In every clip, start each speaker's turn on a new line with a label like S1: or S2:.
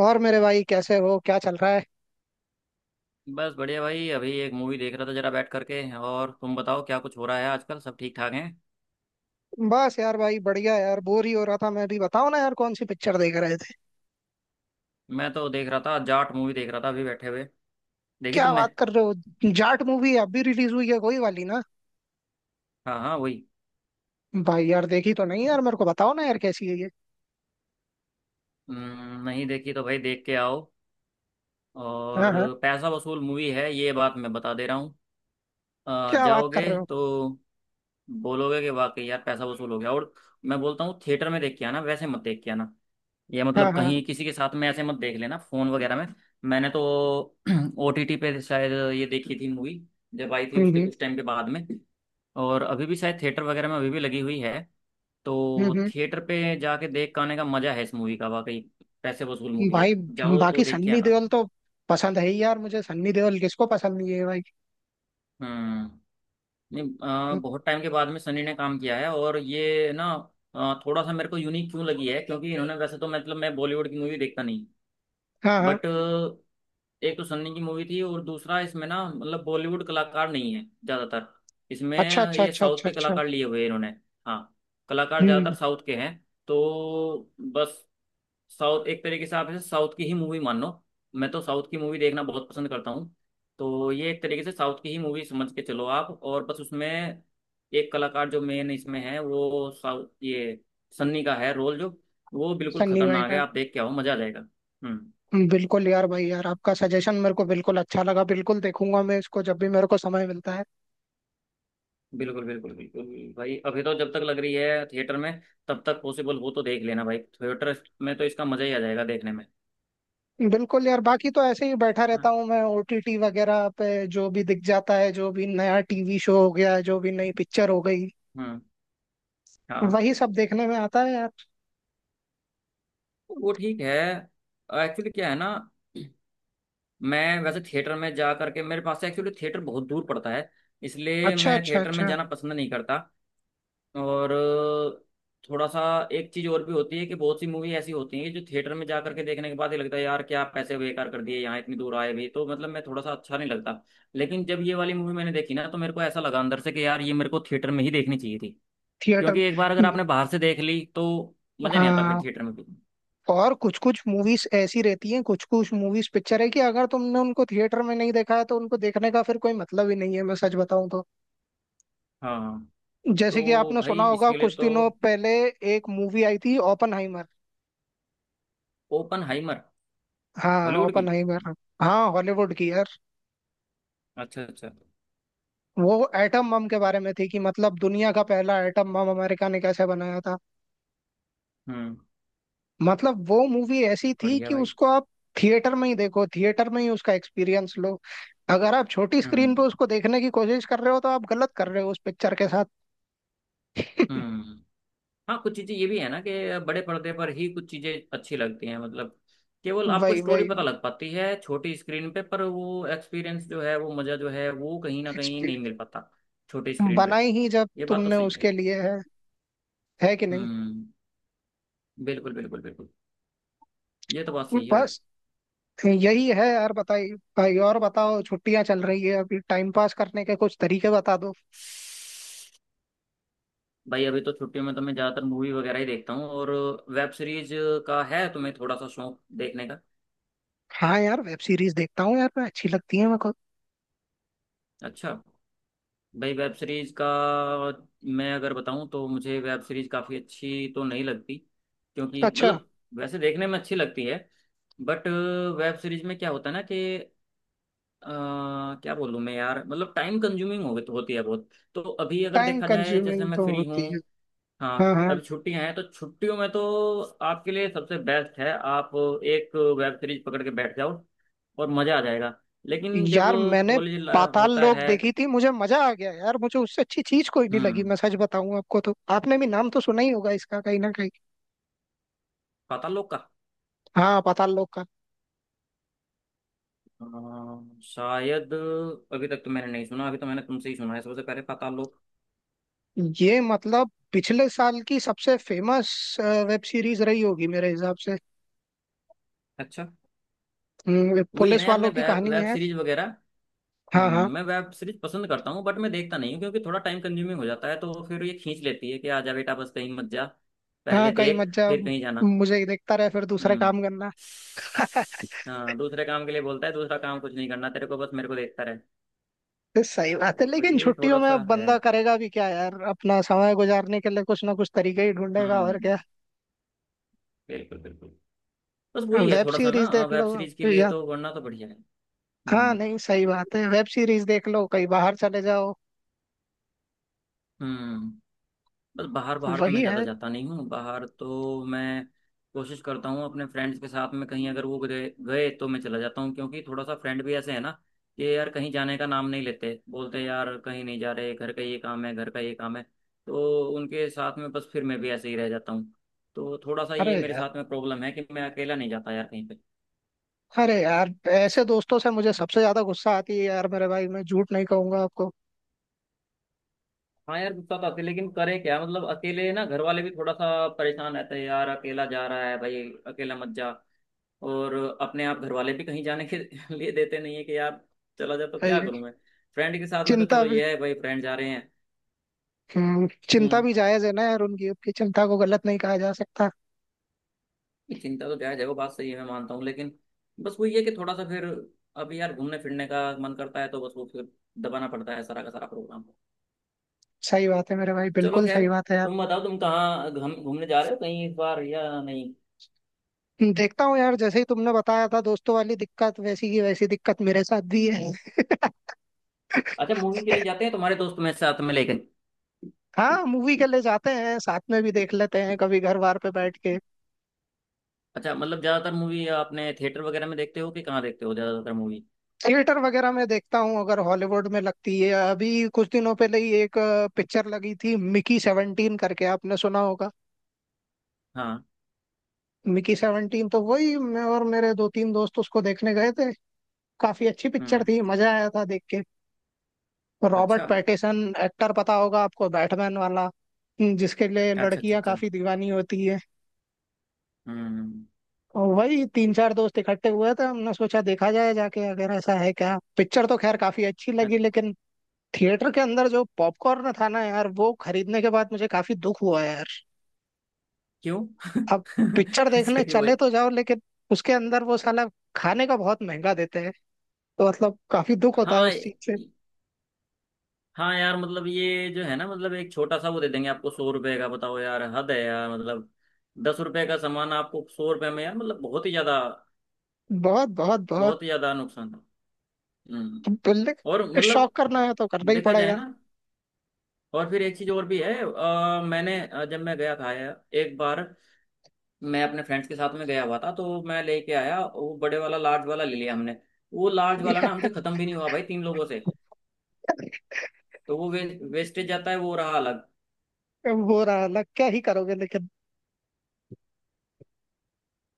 S1: और मेरे भाई, कैसे हो? क्या चल रहा है?
S2: बस बढ़िया भाई। अभी एक मूवी देख रहा था जरा बैठ करके। और तुम बताओ क्या कुछ हो रहा है आजकल। सब ठीक ठाक हैं।
S1: बस यार भाई, बढ़िया। यार, बोर ही हो रहा था मैं भी। बताओ ना यार, कौन सी पिक्चर देख रहे थे?
S2: मैं तो देख रहा था जाट मूवी देख रहा था अभी बैठे हुए। देखी
S1: क्या
S2: तुमने?
S1: बात कर रहे हो, जाट मूवी? अब भी रिलीज हुई है कोई वाली ना?
S2: हाँ हाँ वही।
S1: भाई यार, देखी तो नहीं यार। मेरे को बताओ ना यार, कैसी है ये?
S2: नहीं देखी तो भाई देख के आओ। और
S1: हाँ हाँ।
S2: पैसा वसूल मूवी है ये बात मैं बता दे रहा हूँ।
S1: क्या बात कर
S2: जाओगे
S1: रहे हो?
S2: तो बोलोगे कि वाकई यार पैसा वसूल हो गया। और मैं बोलता हूँ थिएटर में देख के आना वैसे मत देख के आना। ये
S1: हाँ
S2: मतलब
S1: हाँ।
S2: कहीं किसी के साथ में ऐसे मत देख लेना फोन वगैरह में। मैंने तो ओटीटी पे शायद ये देखी थी मूवी जब आई थी उसके
S1: हम्म।
S2: कुछ टाइम के बाद में। और अभी भी शायद थिएटर वगैरह में अभी भी लगी हुई है। तो
S1: हम्म
S2: थिएटर पे जाके देख के आने का मजा है इस मूवी का वाकई। पैसे वसूल मूवी
S1: भाई,
S2: है जाओ तो
S1: बाकी
S2: देख के
S1: सन्नी
S2: आना।
S1: देओल तो पसंद है ही यार मुझे। सन्नी देओल किसको पसंद नहीं है भाई?
S2: हम्म। नहीं। बहुत टाइम के बाद में सनी ने काम किया है और ये ना थोड़ा सा मेरे को यूनिक क्यों लगी है क्योंकि इन्होंने वैसे तो मतलब मैं बॉलीवुड की मूवी देखता नहीं।
S1: हाँ हाँ।
S2: बट एक तो सन्नी की मूवी थी और दूसरा इसमें ना मतलब बॉलीवुड कलाकार नहीं है ज्यादातर इसमें।
S1: अच्छा अच्छा
S2: ये
S1: अच्छा
S2: साउथ
S1: अच्छा
S2: के
S1: अच्छा।
S2: कलाकार लिए हुए हैं इन्होंने। हाँ। कलाकार ज्यादातर
S1: हम्म।
S2: साउथ के हैं। तो बस साउथ एक तरीके से आप इसे साउथ की ही मूवी मान लो। मैं तो साउथ की मूवी देखना बहुत पसंद करता हूँ। तो ये एक तरीके से साउथ की ही मूवी समझ के चलो आप। और बस उसमें एक कलाकार जो मेन इसमें है वो साउथ ये सन्नी का है रोल जो वो बिल्कुल
S1: सन्नी भाई
S2: खतरनाक है।
S1: का।
S2: आप देख के आओ मजा आ जाएगा। हम्म।
S1: बिल्कुल यार भाई, यार आपका सजेशन मेरे को बिल्कुल अच्छा लगा, बिल्कुल देखूंगा मैं इसको जब भी मेरे को समय मिलता है।
S2: बिल्कुल बिल्कुल बिल्कुल। भाई अभी तो जब तक लग रही है थिएटर में तब तक पॉसिबल हो तो देख लेना भाई। थिएटर में तो इसका मजा ही आ जाएगा देखने में।
S1: बिल्कुल यार, बाकी तो ऐसे ही बैठा
S2: है ना।
S1: रहता हूँ मैं ओटीटी वगैरह पे। जो भी दिख जाता है, जो भी नया टीवी शो हो गया, जो भी नई पिक्चर हो गई,
S2: हम्म। हाँ।
S1: वही सब देखने में आता है यार।
S2: वो ठीक है। एक्चुअली क्या है ना मैं वैसे थिएटर में जा करके मेरे पास से एक्चुअली थिएटर बहुत दूर पड़ता है इसलिए
S1: अच्छा
S2: मैं
S1: अच्छा
S2: थिएटर में
S1: अच्छा।
S2: जाना पसंद नहीं करता। और थोड़ा सा एक चीज और भी होती है कि बहुत सी मूवी ऐसी होती हैं कि जो थिएटर में जा करके देखने के बाद ही लगता है यार क्या आप पैसे बेकार कर दिए यहाँ इतनी दूर आए भी तो मतलब मैं थोड़ा सा अच्छा नहीं लगता। लेकिन जब ये वाली मूवी मैंने देखी ना तो मेरे को ऐसा लगा अंदर से कि यार ये मेरे को थिएटर में ही देखनी चाहिए थी।
S1: थिएटर।
S2: क्योंकि एक बार अगर आपने बाहर से देख ली तो मजा नहीं आता फिर
S1: हाँ।
S2: थिएटर में भी।
S1: और कुछ कुछ मूवीज ऐसी रहती हैं, कुछ कुछ मूवीज पिक्चर है कि अगर तुमने उनको थिएटर में नहीं देखा है तो उनको देखने का फिर कोई मतलब ही नहीं है, मैं सच बताऊं।
S2: हाँ।
S1: जैसे कि
S2: तो
S1: आपने
S2: भाई
S1: सुना होगा
S2: इसके लिए
S1: कुछ
S2: तो
S1: दिनों पहले एक मूवी आई थी, ओपनहाइमर।
S2: ओपन हाइमर
S1: हाँ,
S2: हॉलीवुड की।
S1: ओपनहाइमर। हाँ, हॉलीवुड की यार।
S2: अच्छा अच्छा।
S1: वो एटम बम के बारे में थी कि मतलब दुनिया का पहला एटम बम अमेरिका ने कैसे बनाया था।
S2: हम्म।
S1: मतलब वो मूवी ऐसी थी
S2: बढ़िया
S1: कि
S2: भाई।
S1: उसको आप थिएटर में ही देखो, थिएटर में ही उसका एक्सपीरियंस लो। अगर आप छोटी स्क्रीन
S2: हम्म
S1: पे उसको देखने की कोशिश कर रहे हो तो आप गलत कर रहे हो उस पिक्चर के साथ।
S2: हम्म। हाँ कुछ चीजें ये भी है ना कि बड़े पर्दे पर ही कुछ चीजें अच्छी लगती हैं मतलब केवल आपको
S1: वही
S2: स्टोरी
S1: वही।
S2: पता लग पाती है छोटी स्क्रीन पे पर वो एक्सपीरियंस जो है वो मजा जो है वो कहीं ना कहीं नहीं
S1: एक्सपीरियंस
S2: मिल पाता छोटी स्क्रीन पे।
S1: बनाई ही जब
S2: ये बात तो
S1: तुमने
S2: सही है।
S1: उसके लिए है। है कि नहीं?
S2: हम्म। बिल्कुल बिल्कुल बिल्कुल। ये तो बात सही है भाई।
S1: बस यही है यार। बताइए भाई, और बताओ, छुट्टियां चल रही है अभी, टाइम पास करने के कुछ तरीके बता दो।
S2: भाई अभी तो छुट्टियों में तो मैं ज्यादातर मूवी वगैरह ही देखता हूँ। और वेब सीरीज का है तुम्हें थोड़ा सा शौक देखने का?
S1: हाँ यार, वेब सीरीज देखता हूँ यार मैं, अच्छी लगती है मेरे को।
S2: अच्छा। भाई वेब सीरीज का मैं अगर बताऊं तो मुझे वेब सीरीज काफ़ी अच्छी तो नहीं लगती। क्योंकि
S1: अच्छा।
S2: मतलब वैसे देखने में अच्छी लगती है बट वेब सीरीज में क्या होता है ना कि अ, क्या बोलूं मैं यार मतलब टाइम कंज्यूमिंग हो होती है बहुत। तो अभी अगर
S1: टाइम
S2: देखा जाए जैसे
S1: कंज्यूमिंग
S2: मैं
S1: तो
S2: फ्री हूँ।
S1: होती है।
S2: हाँ
S1: हाँ हाँ।
S2: अभी छुट्टियां हैं तो छुट्टियों में तो आपके लिए सबसे बेस्ट है आप एक वेब सीरीज पकड़ के बैठ जाओ और मज़ा आ जाएगा। लेकिन जब
S1: यार मैंने
S2: कॉलेज
S1: पाताल
S2: होता
S1: लोक
S2: है।
S1: देखी थी, मुझे मजा आ गया यार, मुझे उससे अच्छी चीज कोई नहीं लगी,
S2: हम्म।
S1: मैं सच बताऊं आपको तो। आपने भी नाम तो सुना ही होगा इसका कहीं ना कहीं।
S2: पाताल लोक का
S1: हाँ, पाताल लोक का।
S2: शायद अभी तक तो मैंने नहीं सुना। अभी तो मैंने तुमसे ही सुना है सबसे पहले पाताल लोक।
S1: ये मतलब पिछले साल की सबसे फेमस वेब सीरीज रही होगी मेरे हिसाब से।
S2: अच्छा। वही है ना
S1: पुलिस
S2: यार
S1: वालों
S2: मैं
S1: की कहानी
S2: वेब
S1: है।
S2: सीरीज वगैरह।
S1: हाँ हाँ।
S2: मैं वेब सीरीज पसंद करता हूँ बट मैं देखता नहीं हूँ क्योंकि थोड़ा टाइम कंज्यूमिंग हो जाता है तो फिर ये खींच लेती है कि आजा बेटा बस कहीं मत जा पहले
S1: हाँ, कहीं
S2: देख
S1: मत जा,
S2: फिर कहीं जाना।
S1: मुझे देखता रहे फिर दूसरे
S2: हम्म।
S1: काम करना।
S2: हाँ दूसरे काम के लिए बोलता है दूसरा काम कुछ नहीं करना तेरे को बस मेरे को देखता रहे।
S1: तो सही बात है,
S2: तो
S1: लेकिन
S2: ये
S1: छुट्टियों
S2: थोड़ा
S1: में
S2: सा
S1: अब
S2: है।
S1: बंदा करेगा भी क्या यार? अपना समय गुजारने के लिए कुछ ना कुछ तरीके ही ढूंढेगा, और
S2: हम्म।
S1: क्या।
S2: बिल्कुल बिल्कुल। बस वही है
S1: वेब
S2: थोड़ा सा ना
S1: सीरीज देख
S2: वेब
S1: लो,
S2: सीरीज के लिए
S1: या...
S2: तो वरना तो बढ़िया है।
S1: हाँ,
S2: हम्म।
S1: नहीं, सही बात है, वेब सीरीज देख लो, कहीं बाहर चले जाओ।
S2: हम्म। बस बाहर बाहर तो मैं
S1: वही
S2: ज़्यादा
S1: है।
S2: जाता नहीं हूँ। बाहर तो मैं कोशिश करता हूँ अपने फ्रेंड्स के साथ में कहीं अगर वो गए गए तो मैं चला जाता हूँ। क्योंकि थोड़ा सा फ्रेंड भी ऐसे है ना कि यार कहीं जाने का नाम नहीं लेते, बोलते हैं, यार कहीं नहीं जा रहे घर का ये काम है घर का ये काम है। तो उनके साथ में बस फिर मैं भी ऐसे ही रह जाता हूँ। तो थोड़ा सा
S1: अरे
S2: ये मेरे
S1: यार,
S2: साथ में प्रॉब्लम है कि मैं अकेला नहीं जाता यार कहीं पे।
S1: अरे यार, ऐसे दोस्तों से मुझे सबसे ज्यादा गुस्सा आती है यार मेरे भाई, मैं झूठ नहीं कहूंगा आपको।
S2: हाँ यार गुस्सा तो आते लेकिन करे क्या मतलब अकेले ना घर वाले भी थोड़ा सा परेशान रहते हैं, यार अकेला जा रहा है भाई अकेला मत जा। और अपने आप घर वाले भी कहीं जाने के लिए देते नहीं है कि यार चला जा तो क्या
S1: ये
S2: करूं मैं। फ्रेंड के साथ में तो
S1: चिंता
S2: चलो
S1: भी...
S2: ये है भाई फ्रेंड जा रहे हैं।
S1: चिंता
S2: हम्म।
S1: भी जायज है ना यार, उनकी उनकी चिंता को गलत नहीं कहा जा सकता।
S2: चिंता तो जायज है वो बात सही है मैं मानता हूँ लेकिन बस वही है कि थोड़ा सा फिर अभी यार घूमने फिरने का मन करता है तो बस वो फिर दबाना पड़ता है सारा का सारा प्रोग्राम।
S1: सही बात है मेरे भाई,
S2: चलो
S1: बिल्कुल
S2: खैर
S1: सही बात है यार।
S2: तुम बताओ तुम कहाँ घूमने जा रहे हो कहीं इस बार या नहीं?
S1: देखता हूँ यार, जैसे ही तुमने बताया था दोस्तों वाली दिक्कत, वैसी की वैसी दिक्कत मेरे साथ भी
S2: हम्म।
S1: है।
S2: अच्छा मूवी के लिए जाते हैं तुम्हारे दोस्त में साथ में लेकिन?
S1: हाँ, मूवी के लिए जाते हैं साथ में, भी देख लेते हैं कभी घर बार पे बैठ के।
S2: अच्छा मतलब ज्यादातर मूवी आपने थिएटर वगैरह में देखते हो कि कहाँ देखते हो ज्यादातर मूवी?
S1: थिएटर वगैरह में देखता हूँ अगर हॉलीवुड में लगती है। अभी कुछ दिनों पहले ही एक पिक्चर लगी थी, मिकी 17 करके, आपने सुना होगा।
S2: हाँ।
S1: मिकी 17, तो वही मैं और मेरे दो तीन दोस्त उसको देखने गए थे। काफी अच्छी पिक्चर
S2: हम्म।
S1: थी, मजा आया था देख के। रॉबर्ट
S2: अच्छा
S1: पैटिसन एक्टर पता होगा आपको, बैटमैन वाला, जिसके लिए
S2: अच्छा अच्छा
S1: लड़कियां
S2: अच्छा।
S1: काफी दीवानी होती है।
S2: हम्म।
S1: और वही तीन चार दोस्त इकट्ठे हुए थे, हमने सोचा देखा जाए जाके, अगर ऐसा है क्या पिक्चर। तो खैर काफी अच्छी
S2: अ-
S1: लगी, लेकिन थिएटर के अंदर जो पॉपकॉर्न था ना यार, वो खरीदने के बाद मुझे काफी दुख हुआ यार।
S2: क्यों
S1: अब पिक्चर देखने
S2: अच्छा क्यों भाई?
S1: चले तो जाओ, लेकिन उसके अंदर वो साला खाने का बहुत महंगा देते हैं, तो मतलब काफी दुख होता है
S2: हाँ
S1: उस
S2: ये-
S1: चीज से।
S2: हाँ यार मतलब ये जो है ना मतलब एक छोटा सा वो दे देंगे आपको 100 रुपए का बताओ यार हद है यार मतलब 10 रुपए का सामान आपको 100 रुपए में यार मतलब बहुत ही ज्यादा।
S1: बहुत बहुत बहुत।
S2: बहुत ही ज्यादा नुकसान है। हम्म।
S1: बोलने...
S2: और मतलब
S1: शौक करना है तो करना ही
S2: देखा जाए
S1: पड़ेगा।
S2: ना। और फिर एक चीज और भी है मैंने जब मैं गया था यार एक बार मैं अपने फ्रेंड्स के साथ में गया हुआ था तो मैं लेके आया वो बड़े वाला लार्ज वाला ले लिया हमने। वो लार्ज वाला ना हमसे खत्म भी नहीं हुआ भाई 3 लोगों से। तो वो वेस्टेज जाता है वो रहा अलग।
S1: अब हो रहा है अलग, क्या ही करोगे, लेकिन...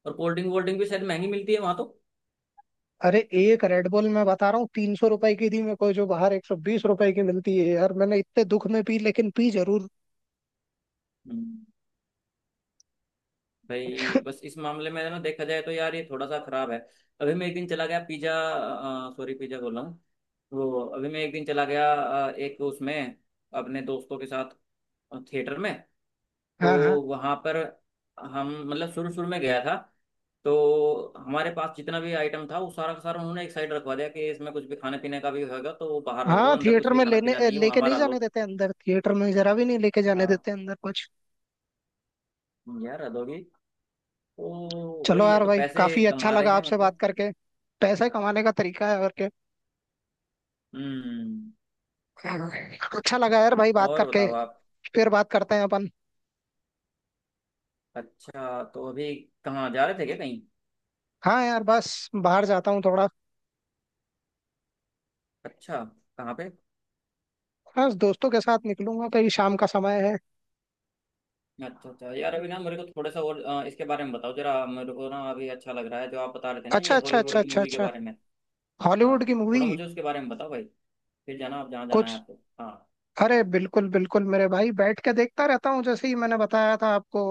S2: और कोल्ड ड्रिंक वोल्ड ड्रिंक भी शायद महंगी मिलती है वहां तो।
S1: अरे, एक रेड बुल मैं बता रहा हूँ 300 रुपए की थी मेरे को, जो बाहर 120 रुपए की मिलती है यार। मैंने इतने दुख में पी, लेकिन पी जरूर।
S2: हम्म, भाई बस इस मामले में ना देखा जाए तो यार ये थोड़ा सा खराब है। अभी मैं एक दिन चला गया पिज्जा सॉरी पिज्जा बोल रहा हूँ। वो अभी मैं एक दिन चला गया एक उसमें अपने दोस्तों के साथ थिएटर में तो
S1: हाँ हाँ।
S2: वहाँ पर हम मतलब शुरू शुरू में गया था तो हमारे पास जितना भी आइटम था वो सारा का सारा उन्होंने एक साइड रखवा दिया कि इसमें कुछ भी खाने पीने का भी होगा तो वो बाहर रख दो
S1: हाँ,
S2: अंदर कुछ
S1: थिएटर
S2: भी
S1: में
S2: खाना
S1: लेने
S2: पीना नहीं है वो
S1: लेके नहीं
S2: हमारा लो।
S1: जाने देते अंदर, थिएटर में जरा भी नहीं लेके जाने
S2: हाँ
S1: देते अंदर कुछ।
S2: यार अधोगी। तो भाई
S1: चलो
S2: ये
S1: यार
S2: तो
S1: भाई,
S2: पैसे
S1: काफी अच्छा
S2: कमा रहे
S1: लगा
S2: हैं
S1: आपसे बात
S2: मतलब।
S1: करके। पैसे कमाने का तरीका है, और के...
S2: हम्म।
S1: अच्छा लगा यार भाई बात
S2: और
S1: करके।
S2: बताओ आप।
S1: फिर बात करते हैं अपन।
S2: अच्छा तो अभी कहाँ जा रहे थे क्या कहीं?
S1: हाँ यार, बस बाहर जाता हूँ थोड़ा।
S2: अच्छा कहाँ पे?
S1: बस दोस्तों के साथ निकलूंगा कहीं, शाम का समय है।
S2: अच्छा अच्छा यार अभी ना मेरे को थोड़ा सा और इसके बारे में बताओ जरा मेरे को ना अभी अच्छा लग रहा है जो आप बता रहे थे ना
S1: अच्छा
S2: ये
S1: अच्छा
S2: हॉलीवुड
S1: अच्छा
S2: की
S1: अच्छा
S2: मूवी के
S1: अच्छा।
S2: बारे में। हाँ।
S1: हॉलीवुड की मूवी।
S2: थोड़ा मुझे उसके बारे में बताओ भाई फिर जाना आप जहाँ जाना है
S1: कुछ...
S2: आपको। हाँ।
S1: अरे बिल्कुल बिल्कुल मेरे भाई, बैठ के देखता रहता हूँ, जैसे ही मैंने बताया था आपको।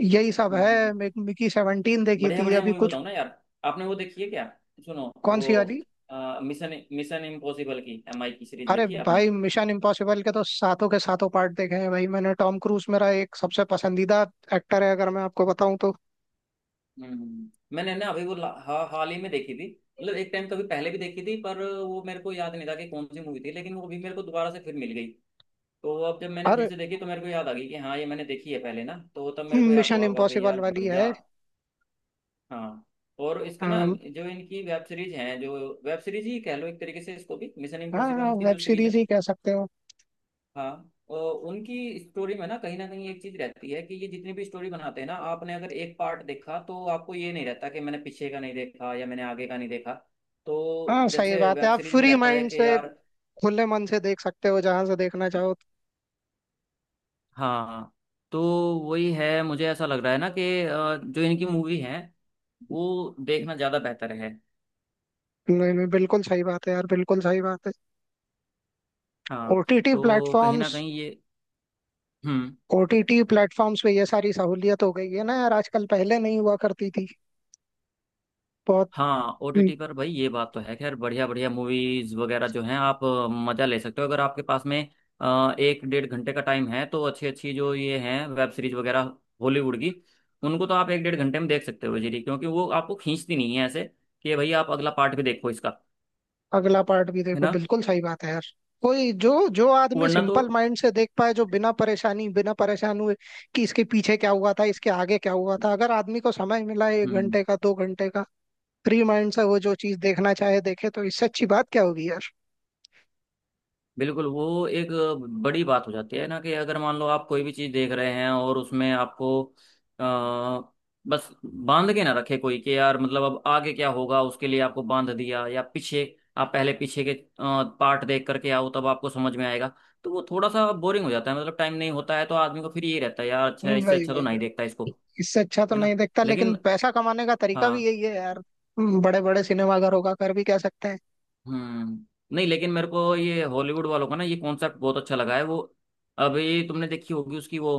S1: यही सब
S2: हम्म हम्म।
S1: है, मिकी 17 देखी
S2: बढ़िया
S1: थी
S2: बढ़िया
S1: अभी
S2: मूवी
S1: कुछ...
S2: बताओ ना यार। आपने वो देखी है क्या? सुनो
S1: कौन
S2: वो
S1: सी? वाली
S2: मिशन मिशन इम्पॉसिबल की MI की सीरीज
S1: अरे
S2: देखी है आपने?
S1: भाई, मिशन इम्पॉसिबल के तो सातों के सातों पार्ट देखे हैं भाई मैंने। टॉम क्रूज मेरा एक सबसे पसंदीदा एक्टर है, अगर मैं आपको बताऊं तो।
S2: हम्म। मैंने ना अभी वो हाल ही में देखी थी। मतलब एक टाइम कभी पहले भी देखी थी पर वो मेरे को याद नहीं था कि कौन सी मूवी थी लेकिन वो अभी मेरे को दोबारा से फिर मिल गई। तो अब जब मैंने फिर
S1: और
S2: से देखी तो मेरे को याद आ गई कि हाँ ये मैंने देखी है पहले ना तो तब मेरे को याद
S1: मिशन
S2: हुआ वाकई
S1: इम्पॉसिबल
S2: यार
S1: वाली
S2: बढ़िया।
S1: है?
S2: हाँ। और इसका ना
S1: अम,
S2: जो इनकी वेब सीरीज है जो वेब सीरीज ही कह लो एक तरीके से इसको भी मिशन
S1: हाँ,
S2: इम्पॉसिबल की
S1: वेब
S2: जो सीरीज है।
S1: सीरीज ही कह सकते हो।
S2: हाँ। और उनकी स्टोरी में ना कहीं एक चीज रहती है कि ये जितनी भी स्टोरी बनाते हैं ना आपने अगर एक पार्ट देखा तो आपको ये नहीं रहता कि मैंने पीछे का नहीं देखा या मैंने आगे का नहीं देखा। तो
S1: हाँ, सही
S2: जैसे
S1: बात है,
S2: वेब
S1: आप
S2: सीरीज में
S1: फ्री
S2: रहता है
S1: माइंड
S2: कि
S1: से,
S2: यार
S1: खुले मन से देख सकते हो जहां से देखना चाहो।
S2: हाँ। तो वही है मुझे ऐसा लग रहा है ना कि जो इनकी मूवी है वो देखना ज्यादा बेहतर है।
S1: नहीं नहीं, बिल्कुल सही बात है यार, बिल्कुल सही बात है।
S2: हाँ।
S1: ओटीटी
S2: तो कहीं ना
S1: प्लेटफॉर्म्स।
S2: कहीं ये हम्म।
S1: ओटीटी प्लेटफॉर्म्स पे ये सारी सहूलियत हो गई है ना यार आजकल, पहले नहीं हुआ करती थी बहुत।
S2: हाँ
S1: हम्म,
S2: ओटीटी पर भाई ये बात तो है। खैर बढ़िया बढ़िया मूवीज वगैरह जो हैं आप मजा ले सकते हो अगर आपके पास में एक डेढ़ घंटे का टाइम है तो अच्छी अच्छी जो ये हैं वेब सीरीज वगैरह हॉलीवुड की उनको तो आप एक डेढ़ घंटे में देख सकते हो जी क्योंकि वो आपको खींचती नहीं है ऐसे कि भाई आप अगला पार्ट भी देखो इसका।
S1: अगला पार्ट भी
S2: है
S1: देखो,
S2: ना।
S1: बिल्कुल सही बात है यार। कोई जो... जो आदमी
S2: वरना तो
S1: सिंपल माइंड से देख पाए, जो बिना परेशानी, बिना परेशान हुए कि इसके पीछे क्या हुआ था, इसके आगे क्या हुआ था, अगर आदमी को समय मिला है एक
S2: हम्म।
S1: घंटे का, 2 घंटे का, फ्री माइंड से वो जो चीज देखना चाहे देखे, तो इससे अच्छी बात क्या होगी यार।
S2: बिल्कुल वो एक बड़ी बात हो जाती है ना कि अगर मान लो आप कोई भी चीज़ देख रहे हैं और उसमें आपको आ, बस बांध के ना रखे कोई कि यार मतलब अब आगे क्या होगा उसके लिए आपको बांध दिया या पीछे आप पहले पीछे के पार्ट देख करके आओ तब आपको समझ में आएगा। तो वो थोड़ा सा बोरिंग हो जाता है मतलब टाइम नहीं होता है तो आदमी को फिर यही रहता है यार अच्छा इससे
S1: वही
S2: अच्छा तो
S1: वही
S2: नहीं
S1: वही।
S2: देखता इसको।
S1: इससे अच्छा तो
S2: है ना।
S1: नहीं देखता,
S2: लेकिन
S1: लेकिन पैसा कमाने का तरीका भी
S2: हाँ।
S1: यही है यार। बड़े बड़े सिनेमाघरों का कर भी कह सकते हैं।
S2: हम्म। नहीं लेकिन मेरे को ये हॉलीवुड वालों का ना ये कॉन्सेप्ट बहुत अच्छा लगा है वो। अभी तुमने देखी होगी उसकी वो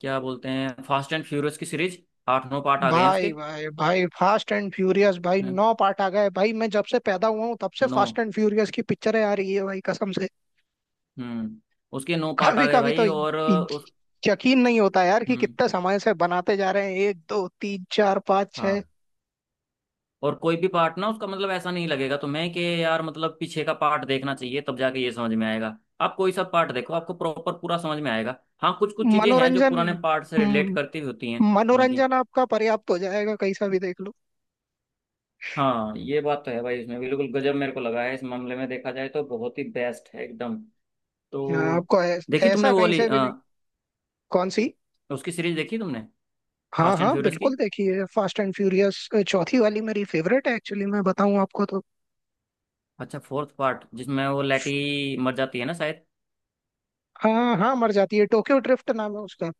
S2: क्या बोलते हैं फास्ट एंड फ्यूरियस की सीरीज? आठ 9 पार्ट आ गए हैं
S1: भाई
S2: उसके।
S1: भाई भाई, फास्ट एंड फ्यूरियस, भाई
S2: हम्म,
S1: नौ पार्ट आ गए भाई, मैं जब से पैदा हुआ हूँ तब से
S2: नौ।
S1: फास्ट एंड फ्यूरियस की पिक्चरें आ रही है भाई, कसम से।
S2: हम्म। उसके 9 पार्ट आ
S1: कभी
S2: गए
S1: कभी तो
S2: भाई। और उस
S1: यकीन नहीं होता यार कि
S2: हम्म।
S1: कितने समय से बनाते जा रहे हैं, एक दो तीन चार पाँच छह...
S2: हाँ। और कोई भी पार्ट ना उसका मतलब ऐसा नहीं लगेगा तुम्हें कि यार मतलब पीछे का पार्ट देखना चाहिए तब जाके ये समझ में आएगा आप कोई सा पार्ट देखो आपको प्रॉपर पूरा समझ में आएगा। हाँ कुछ कुछ चीजें हैं जो
S1: मनोरंजन...
S2: पुराने पार्ट से रिलेट
S1: हम्म,
S2: करती हुई होती हैं उनकी।
S1: मनोरंजन आपका पर्याप्त हो जाएगा कहीं सा भी देख लो।
S2: हाँ ये बात तो है भाई इसमें बिल्कुल गजब मेरे को लगा है। इस मामले में देखा जाए तो बहुत ही बेस्ट है एकदम।
S1: हाँ,
S2: तो
S1: आपको
S2: देखी तुमने
S1: ऐसा
S2: वो
S1: कहीं
S2: वाली
S1: से भी नहीं... कौन सी?
S2: उसकी सीरीज देखी तुमने?
S1: हाँ
S2: फास्ट एंड
S1: हाँ,
S2: फ्यूरियस
S1: बिल्कुल,
S2: की।
S1: देखिए, फास्ट एंड फ्यूरियस चौथी वाली मेरी फेवरेट है एक्चुअली, मैं बताऊं आपको तो।
S2: अच्छा फोर्थ पार्ट जिसमें वो लेटी मर जाती है ना शायद।
S1: हाँ हाँ, मर जाती है, टोक्यो ड्रिफ्ट नाम है उसका।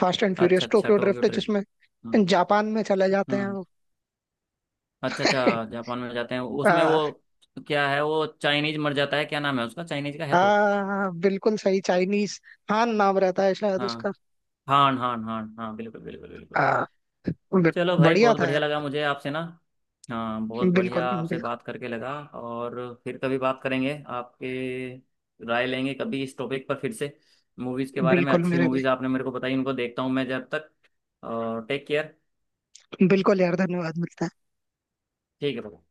S1: फास्ट एंड फ्यूरियस
S2: अच्छा अच्छा
S1: टोक्यो
S2: टोक्यो
S1: ड्रिफ्ट,
S2: ट्रिप।
S1: जिसमें
S2: हाँ।
S1: जापान में चले जाते हैं
S2: हम्म।
S1: वो।
S2: अच्छा अच्छा जापान में जाते हैं उसमें
S1: हाँ।
S2: वो क्या है वो चाइनीज मर जाता है क्या नाम है उसका चाइनीज का है तो।
S1: हाँ, हाँ, बिल्कुल सही, चाइनीज। हान नाम रहता है शायद
S2: हाँ।
S1: उसका।
S2: हान हान हान हाँ बिल्कुल बिल्कुल बिल्कुल।
S1: हाँ। बि-
S2: चलो भाई
S1: बढ़िया
S2: बहुत
S1: था
S2: बढ़िया
S1: यार।
S2: लगा मुझे आपसे ना। हाँ बहुत बढ़िया
S1: बिल्कुल
S2: आपसे
S1: बिल्कुल
S2: बात करके लगा और फिर कभी बात करेंगे आपके। राय लेंगे कभी इस टॉपिक पर फिर से। मूवीज़ के बारे में
S1: बिल्कुल
S2: अच्छी
S1: मेरे
S2: मूवीज़ आपने मेरे को बताई उनको देखता हूँ मैं जब तक। और टेक केयर।
S1: भाई, बिल्कुल यार, धन्यवाद मिलता है।
S2: ठीक है भाई।